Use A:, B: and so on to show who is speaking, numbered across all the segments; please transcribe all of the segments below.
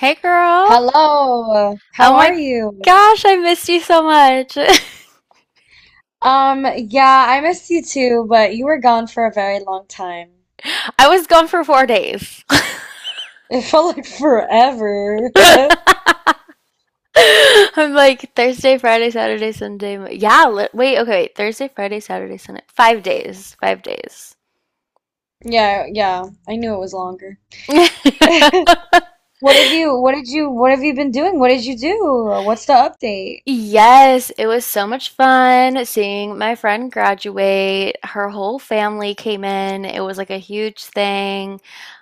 A: Hey girl.
B: Hello, how
A: Oh
B: are
A: my
B: you?
A: gosh, I missed you so much.
B: Yeah, I missed you too, but you were gone for a very long time.
A: I was gone for 4 days.
B: It felt like forever.
A: I'm like Thursday, Friday, Saturday, Sunday. Wait, okay, wait. Thursday, Friday, Saturday, Sunday. 5 days. 5 days.
B: Yeah, yeah, I knew it was longer. What have you been doing? What did you do? What's the update?
A: Yes, it was so much fun seeing my friend graduate. Her whole family came in. It was like a huge thing.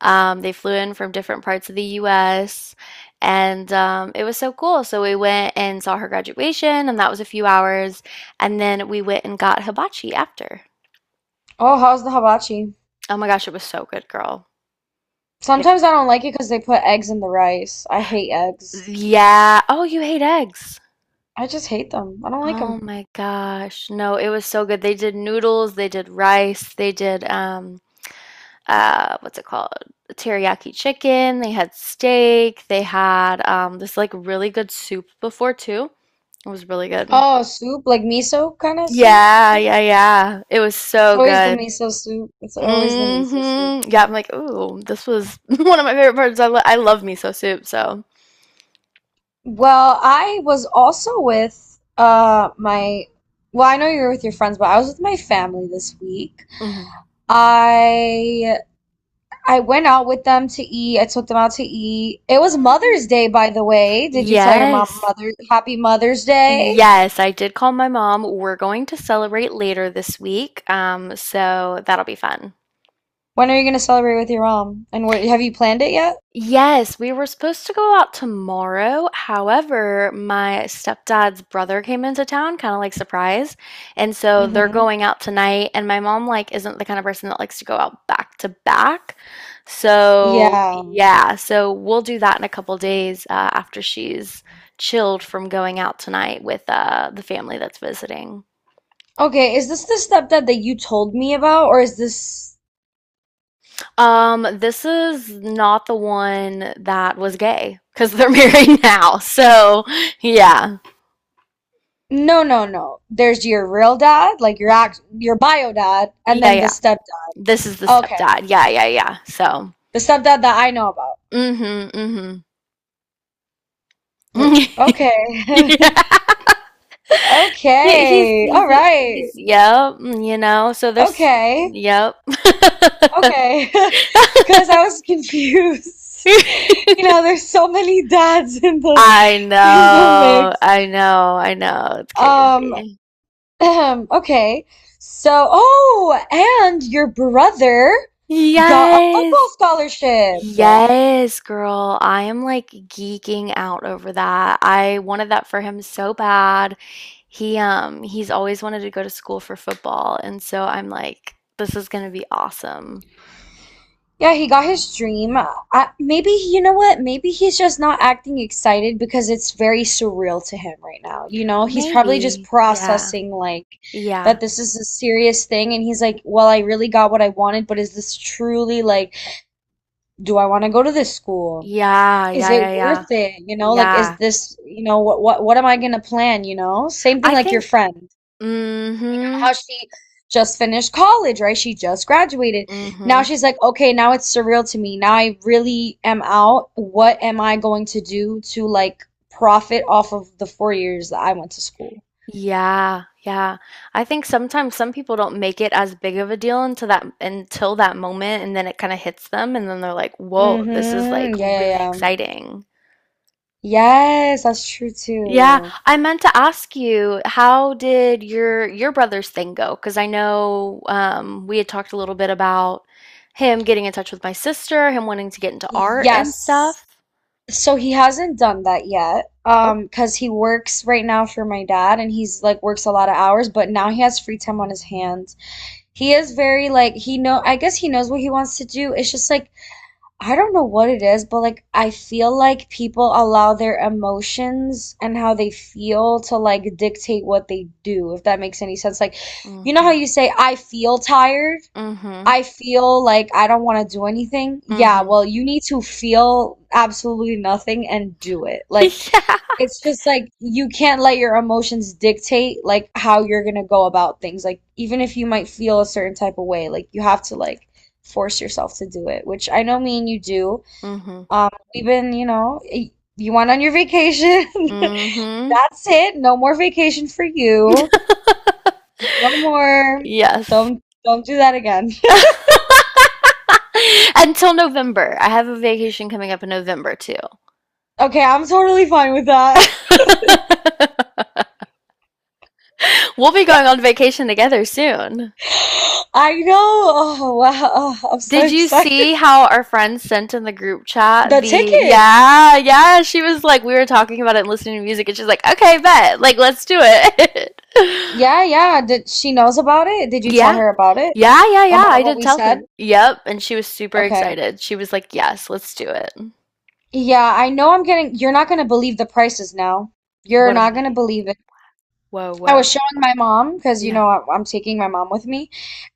A: They flew in from different parts of the US, and it was so cool. So we went and saw her graduation, and that was a few hours. And then we went and got hibachi after.
B: Oh, how's the hibachi?
A: Oh my gosh, it was so good, girl. It,
B: Sometimes I don't like it because they put eggs in the rice. I hate eggs.
A: yeah. Oh, you hate eggs.
B: I just hate them. I don't like
A: Oh
B: them.
A: my gosh. No, it was so good. They did noodles, they did rice, they did what's it called? Teriyaki chicken. They had steak. They had this like really good soup before too. It was really good.
B: Oh, soup, like miso kind of soup
A: Yeah,
B: thing?
A: yeah, yeah. It was
B: It's
A: so
B: always the
A: good.
B: miso soup. It's always the miso soup.
A: Hmm Yeah, I'm like, ooh, this was one of my favorite parts. I love miso soup, so.
B: Well, I was also with my I know you're with your friends, but I was with my family this week.
A: Mhm.
B: I I went out with them to eat. I took them out to eat. It was
A: Mm.
B: Mother's Day, by the way. Did you tell your mom
A: Yes.
B: Mother Happy Mother's Day?
A: Yes, I did call my mom. We're going to celebrate later this week, so that'll be fun.
B: When are you gonna celebrate with your mom? And what have you planned it yet?
A: Yes, we were supposed to go out tomorrow. However, my stepdad's brother came into town, kind of like surprise. And so they're
B: Mm-hmm.
A: going out tonight, and my mom like isn't the kind of person that likes to go out back to back. So,
B: Yeah.
A: yeah, so we'll do that in a couple days after she's chilled from going out tonight with the family that's visiting.
B: Okay, is this the stepdad that you told me about, or is this?
A: This is not the one that was gay because they're married now. So, yeah.
B: No, no, no. There's your real dad, like your act, your bio dad, and
A: Yeah,
B: then the
A: yeah.
B: step.
A: This is the
B: Okay.
A: stepdad. Yeah, yeah, yeah. So,
B: The stuff that I know about.
A: mhm, mhm.
B: Okay.
A: Yeah. He,
B: Okay. All
A: he's
B: right.
A: yep, mm, you know. So there's
B: Okay.
A: yep.
B: Okay. Because I was confused. You know, there's so many dads in the
A: I
B: in the
A: know.
B: mix.
A: I know. I know. It's
B: Um,
A: crazy.
B: okay. So, oh, and your brother got a
A: Yes.
B: football scholarship.
A: Yes, girl. I am like geeking out over that. I wanted that for him so bad. He's always wanted to go to school for football, and so I'm like, this is gonna be awesome.
B: Yeah, he got his dream. I, maybe, you know what? Maybe he's just not acting excited because it's very surreal to him right now. You know, he's probably just
A: Maybe. Yeah.
B: processing like
A: Yeah.
B: that this is a serious thing and he's like, "Well, I really got what I wanted, but is this truly like, do I want to go to this school?
A: Yeah.
B: Is
A: Yeah. Yeah.
B: it
A: Yeah.
B: worth it? You know, like is
A: Yeah.
B: this, you know, what am I gonna plan, you know? Same thing
A: I
B: like your
A: think.
B: friend
A: Mm-hmm.
B: how she just finished college, right? She just graduated. Now
A: Mm-hmm.
B: she's like, okay, now it's surreal to me. Now I really am out. What am I going to do to like profit off of the 4 years that I went to school?
A: Yeah, yeah. I think sometimes some people don't make it as big of a deal until that moment, and then it kind of hits them, and then they're like, "Whoa, this is like
B: Mm-hmm. Yeah,
A: really
B: yeah, yeah.
A: exciting."
B: Yes, that's true
A: Yeah,
B: too.
A: I meant to ask you, how did your brother's thing go? Because I know we had talked a little bit about him getting in touch with my sister, him wanting to get into art and
B: Yes.
A: stuff.
B: So he hasn't done that yet.
A: Oh,
B: Because he works right now for my dad and he's like works a lot of hours, but now he has free time on his hands. He is very like he know I guess he knows what he wants to do. It's just like I don't know what it is, but like I feel like people allow their emotions and how they feel to like dictate what they do, if that makes any sense. Like you know how
A: mm-hmm,
B: you say I feel tired?
A: mm-hmm,
B: I feel like I don't want to do anything. Yeah,
A: mm-hmm.
B: well, you need to feel absolutely nothing and do it. Like
A: Yeah.
B: it's just like you can't let your emotions dictate like how you're gonna go about things. Like even if you might feel a certain type of way, like you have to like force yourself to do it, which I know me and you do.
A: Mm-hmm.
B: We've been, you know, you went on your vacation.
A: Mm-hmm.
B: That's it. No more vacation for you. No more.
A: Yes.
B: Don't do that again.
A: Until November. I have a vacation coming up in November too.
B: Okay, I'm totally fine with that.
A: We'll be going on vacation together soon.
B: I know. Oh wow. Oh, I'm so
A: Did you
B: excited.
A: see how our friend sent in the group chat
B: The
A: the
B: tickets.
A: yeah, yeah, she was like we were talking about it and listening to music and she's like, "Okay, bet. Like let's do it."
B: Yeah, yeah. Did she knows about it? Did you tell
A: Yeah.
B: her about it?
A: Yeah, yeah, yeah. I
B: About what
A: did
B: we
A: tell
B: said?
A: her. Yep, and she was super
B: Okay.
A: excited. She was like, "Yes, let's do it."
B: Yeah, I know you're not going to believe the prices now. You're
A: What are
B: not going to
A: they?
B: believe it.
A: Whoa,
B: I
A: whoa.
B: was showing my mom because, you
A: Yeah.
B: know, I'm taking my mom with me.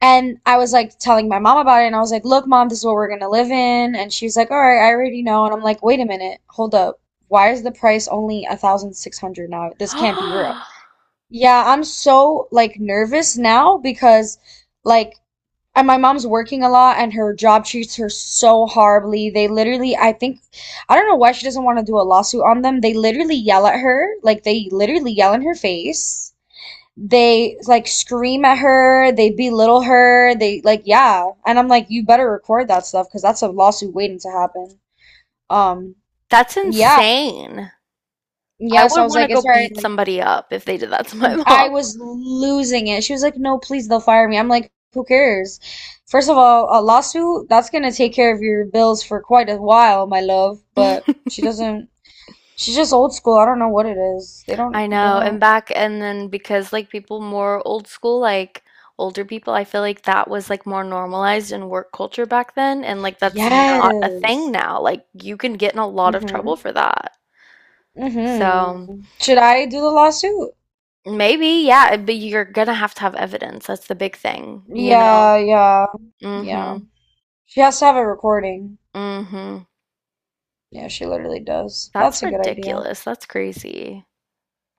B: And I was like telling my mom about it. And I was like, look, mom, this is what we're going to live in. And she's like, all right, I already know. And I'm like, wait a minute. Hold up. Why is the price only a 1,600 now? This can't be real. Yeah, I'm so like nervous now because like and my mom's working a lot and her job treats her so horribly. They literally, I think, I don't know why she doesn't want to do a lawsuit on them. They literally yell at her, like they literally yell in her face. They like scream at her, they belittle her, they like yeah. And I'm like, you better record that stuff because that's a lawsuit waiting to happen. Um,
A: That's
B: yeah.
A: insane. I
B: Yeah, so I
A: would
B: was
A: want to
B: like,
A: go
B: it's all right,
A: beat
B: like
A: somebody up if they did that to my
B: I
A: mom.
B: was losing it. She was like, "No, please, they'll fire me." I'm like, "Who cares?" First of all, a lawsuit, that's gonna take care of your bills for quite a while, my love, but she doesn't she's just old school. I don't know what it is. They don't
A: I
B: they
A: know.
B: don't
A: And then because like people more old school, like older people, I feel like that was like more normalized in work culture back then. And like that's not a thing
B: Yes.
A: now. Like you can get in a lot of trouble
B: Mm-hmm.
A: for that. So
B: Mm-hmm. Should I do the lawsuit?
A: maybe, yeah, but you're gonna have to have evidence. That's the big thing, you know?
B: Yeah, yeah, yeah.
A: Mm-hmm.
B: She has to have a recording.
A: Mm-hmm.
B: Yeah, she literally does.
A: That's
B: That's a good idea.
A: ridiculous. That's crazy.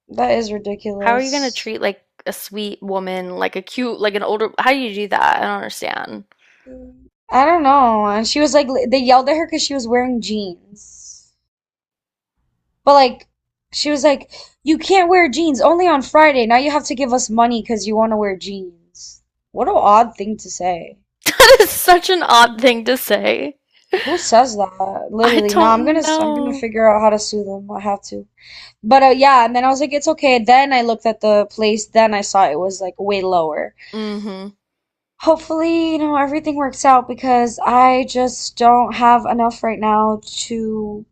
B: That is
A: How are you gonna
B: ridiculous.
A: treat like a sweet woman, like a cute, like an older? How do you do that? I don't understand.
B: Mm. I don't know. And she was like, they yelled at her because she was wearing jeans. But like, she was like, you can't wear jeans only on Friday. Now you have to give us money because you want to wear jeans. What an odd thing to say.
A: That is such an odd thing to say.
B: Who says that?
A: I
B: Literally, no,
A: don't
B: I'm gonna
A: know.
B: figure out how to sue them. I have to. But yeah, and then I was like, it's okay. Then I looked at the place. Then I saw it was like way lower.
A: Mm-hmm.
B: Hopefully, you know, everything works out because I just don't have enough right now to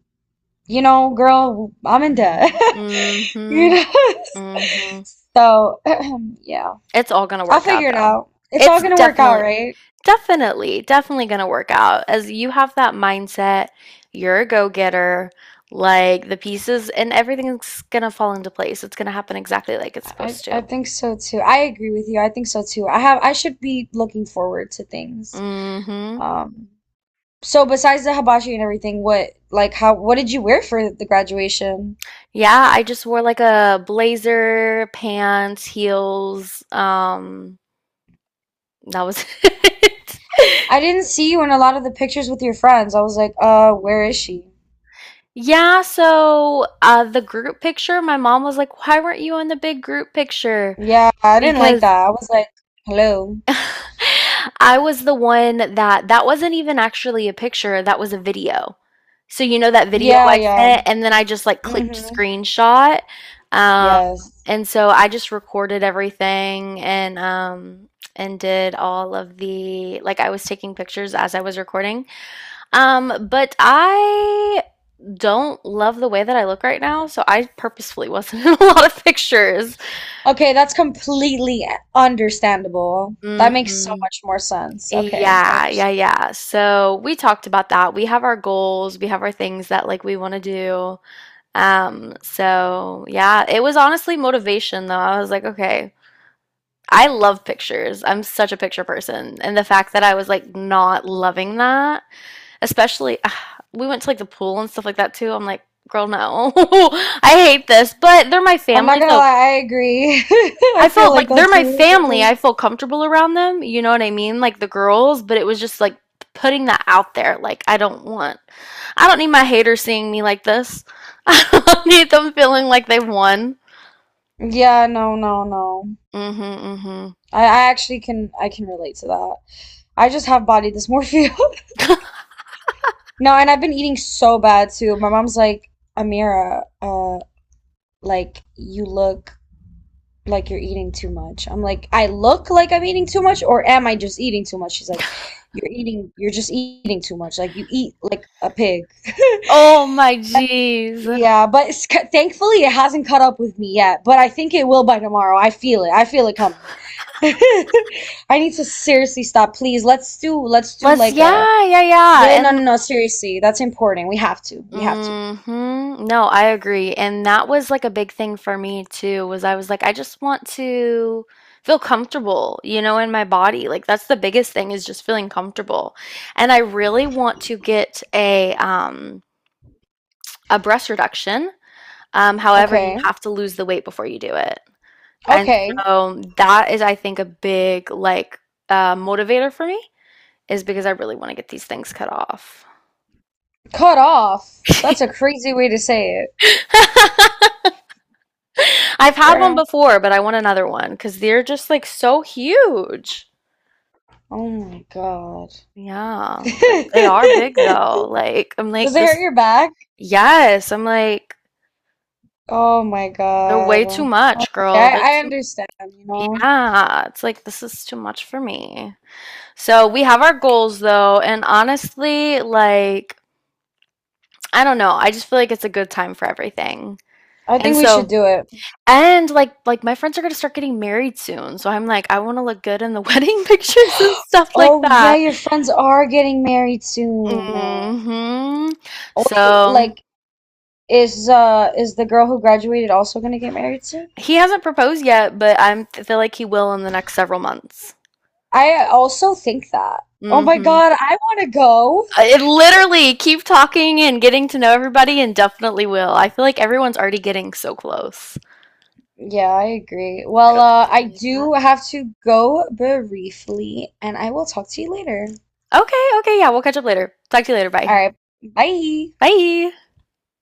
B: you know, girl, I'm in debt.
A: Mm-hmm.
B: You
A: Mm-hmm.
B: know? So, yeah.
A: It's all gonna
B: I'll
A: work out
B: figure it
A: though.
B: out. It's all
A: It's
B: gonna work out, right?
A: definitely gonna work out. As you have that mindset, you're a go-getter, like the pieces and everything's gonna fall into place. It's gonna happen exactly like it's
B: I
A: supposed
B: I
A: to.
B: think so too. I agree with you. I think so too. I have I should be looking forward to things.
A: Mm-hmm.
B: Um, so besides the hibachi and everything, what like how what did you wear for the graduation?
A: Yeah, I just wore like a blazer, pants, heels. That was it.
B: I didn't see you in a lot of the pictures with your friends. I was like, where is she?
A: Yeah, so the group picture, my mom was like, "Why weren't you in the big group picture?"
B: Yeah, I didn't like
A: Because
B: that. I was like, hello.
A: I was the one that wasn't even actually a picture, that was a video. So you know that video
B: Yeah,
A: I
B: yeah.
A: sent, and then I just like clicked
B: Mm-hmm.
A: screenshot. Um,
B: Yes.
A: and so I just recorded everything and did all of the like I was taking pictures as I was recording. But I don't love the way that I look right now, so I purposefully wasn't in a lot of pictures.
B: Okay, that's completely understandable. That makes so
A: Hmm
B: much more sense. Okay, I
A: Yeah, yeah,
B: understand.
A: yeah. So we talked about that. We have our goals, we have our things that like we want to do. So yeah, it was honestly motivation though. I was like, okay, I love pictures. I'm such a picture person. And the fact that I was like not loving that, especially we went to like the pool and stuff like that too. I'm like, girl, no. I hate this, but they're my
B: I'm not
A: family,
B: gonna
A: so
B: lie, I agree.
A: I
B: I feel
A: felt
B: like
A: like they're
B: that
A: my
B: too
A: family. I
B: sometimes.
A: feel comfortable around them. You know what I mean? Like the girls, but it was just like putting that out there. I don't need my haters seeing me like this. I don't need them feeling like they won.
B: Yeah, no, no, no.
A: Mhm, mhm.
B: I actually can relate to that. I just have body dysmorphia. No, and I've been eating so bad too. My mom's like, Amira, like you look like you're eating too much. I'm like, I look like I'm eating too much, or am I just eating too much? She's like, you're just eating too much. Like you eat like a pig.
A: Oh my jeez.
B: Yeah, but it's, thankfully it hasn't caught up with me yet. But I think it will by tomorrow. I feel it. I feel it coming. I need to seriously stop. Please, let's do
A: Let's
B: like a
A: yeah, yeah, yeah.
B: yeah, no, no,
A: And
B: no, seriously. That's important. We have to. We have to.
A: mhm. No, I agree. And that was like a big thing for me too, was I was like, I just want to feel comfortable, you know, in my body. Like that's the biggest thing is just feeling comfortable. And I really want to get a breast reduction. However, you
B: Okay.
A: have to lose the weight before you do it. And
B: Okay.
A: so that is, I think, a big like motivator for me, is because I really want to get these things cut off.
B: Cut off. That's a crazy way to say it.
A: I've had one
B: Girl.
A: before, but I want another one because they're just like so huge.
B: Oh my God.
A: Yeah,
B: Does
A: they are big though. Like, I'm
B: it
A: like, this,
B: hurt your back?
A: yes, I'm like,
B: Oh my
A: they're way too
B: God.
A: much,
B: Okay,
A: girl. They're
B: I
A: too,
B: understand, you know.
A: yeah, it's like, this is too much for me. So, we have our goals though, and honestly, like, I don't know, I just feel like it's a good time for everything.
B: I
A: And
B: think we should
A: so,
B: do it.
A: and, like, my friends are gonna start getting married soon, so I'm like, I wanna look good in the wedding pictures and stuff like
B: Oh yeah,
A: that.
B: your friends are getting married soon.
A: Mhm.
B: Oh wait,
A: So,
B: like is the girl who graduated also gonna get married soon?
A: he hasn't proposed yet, but I feel like he will in the next several months.
B: I also think that.
A: Mm.
B: Oh my
A: Mhm.
B: God, I wanna go.
A: It literally, keep talking and getting to know everybody and definitely will. I feel like everyone's already getting so close.
B: Yeah, I agree. Well,
A: It'll keep
B: I
A: getting like that.
B: do have to go briefly, and I will talk to you later.
A: Okay, okay, yeah, we'll catch up later. Talk to you later,
B: All
A: bye.
B: right, bye.
A: Bye.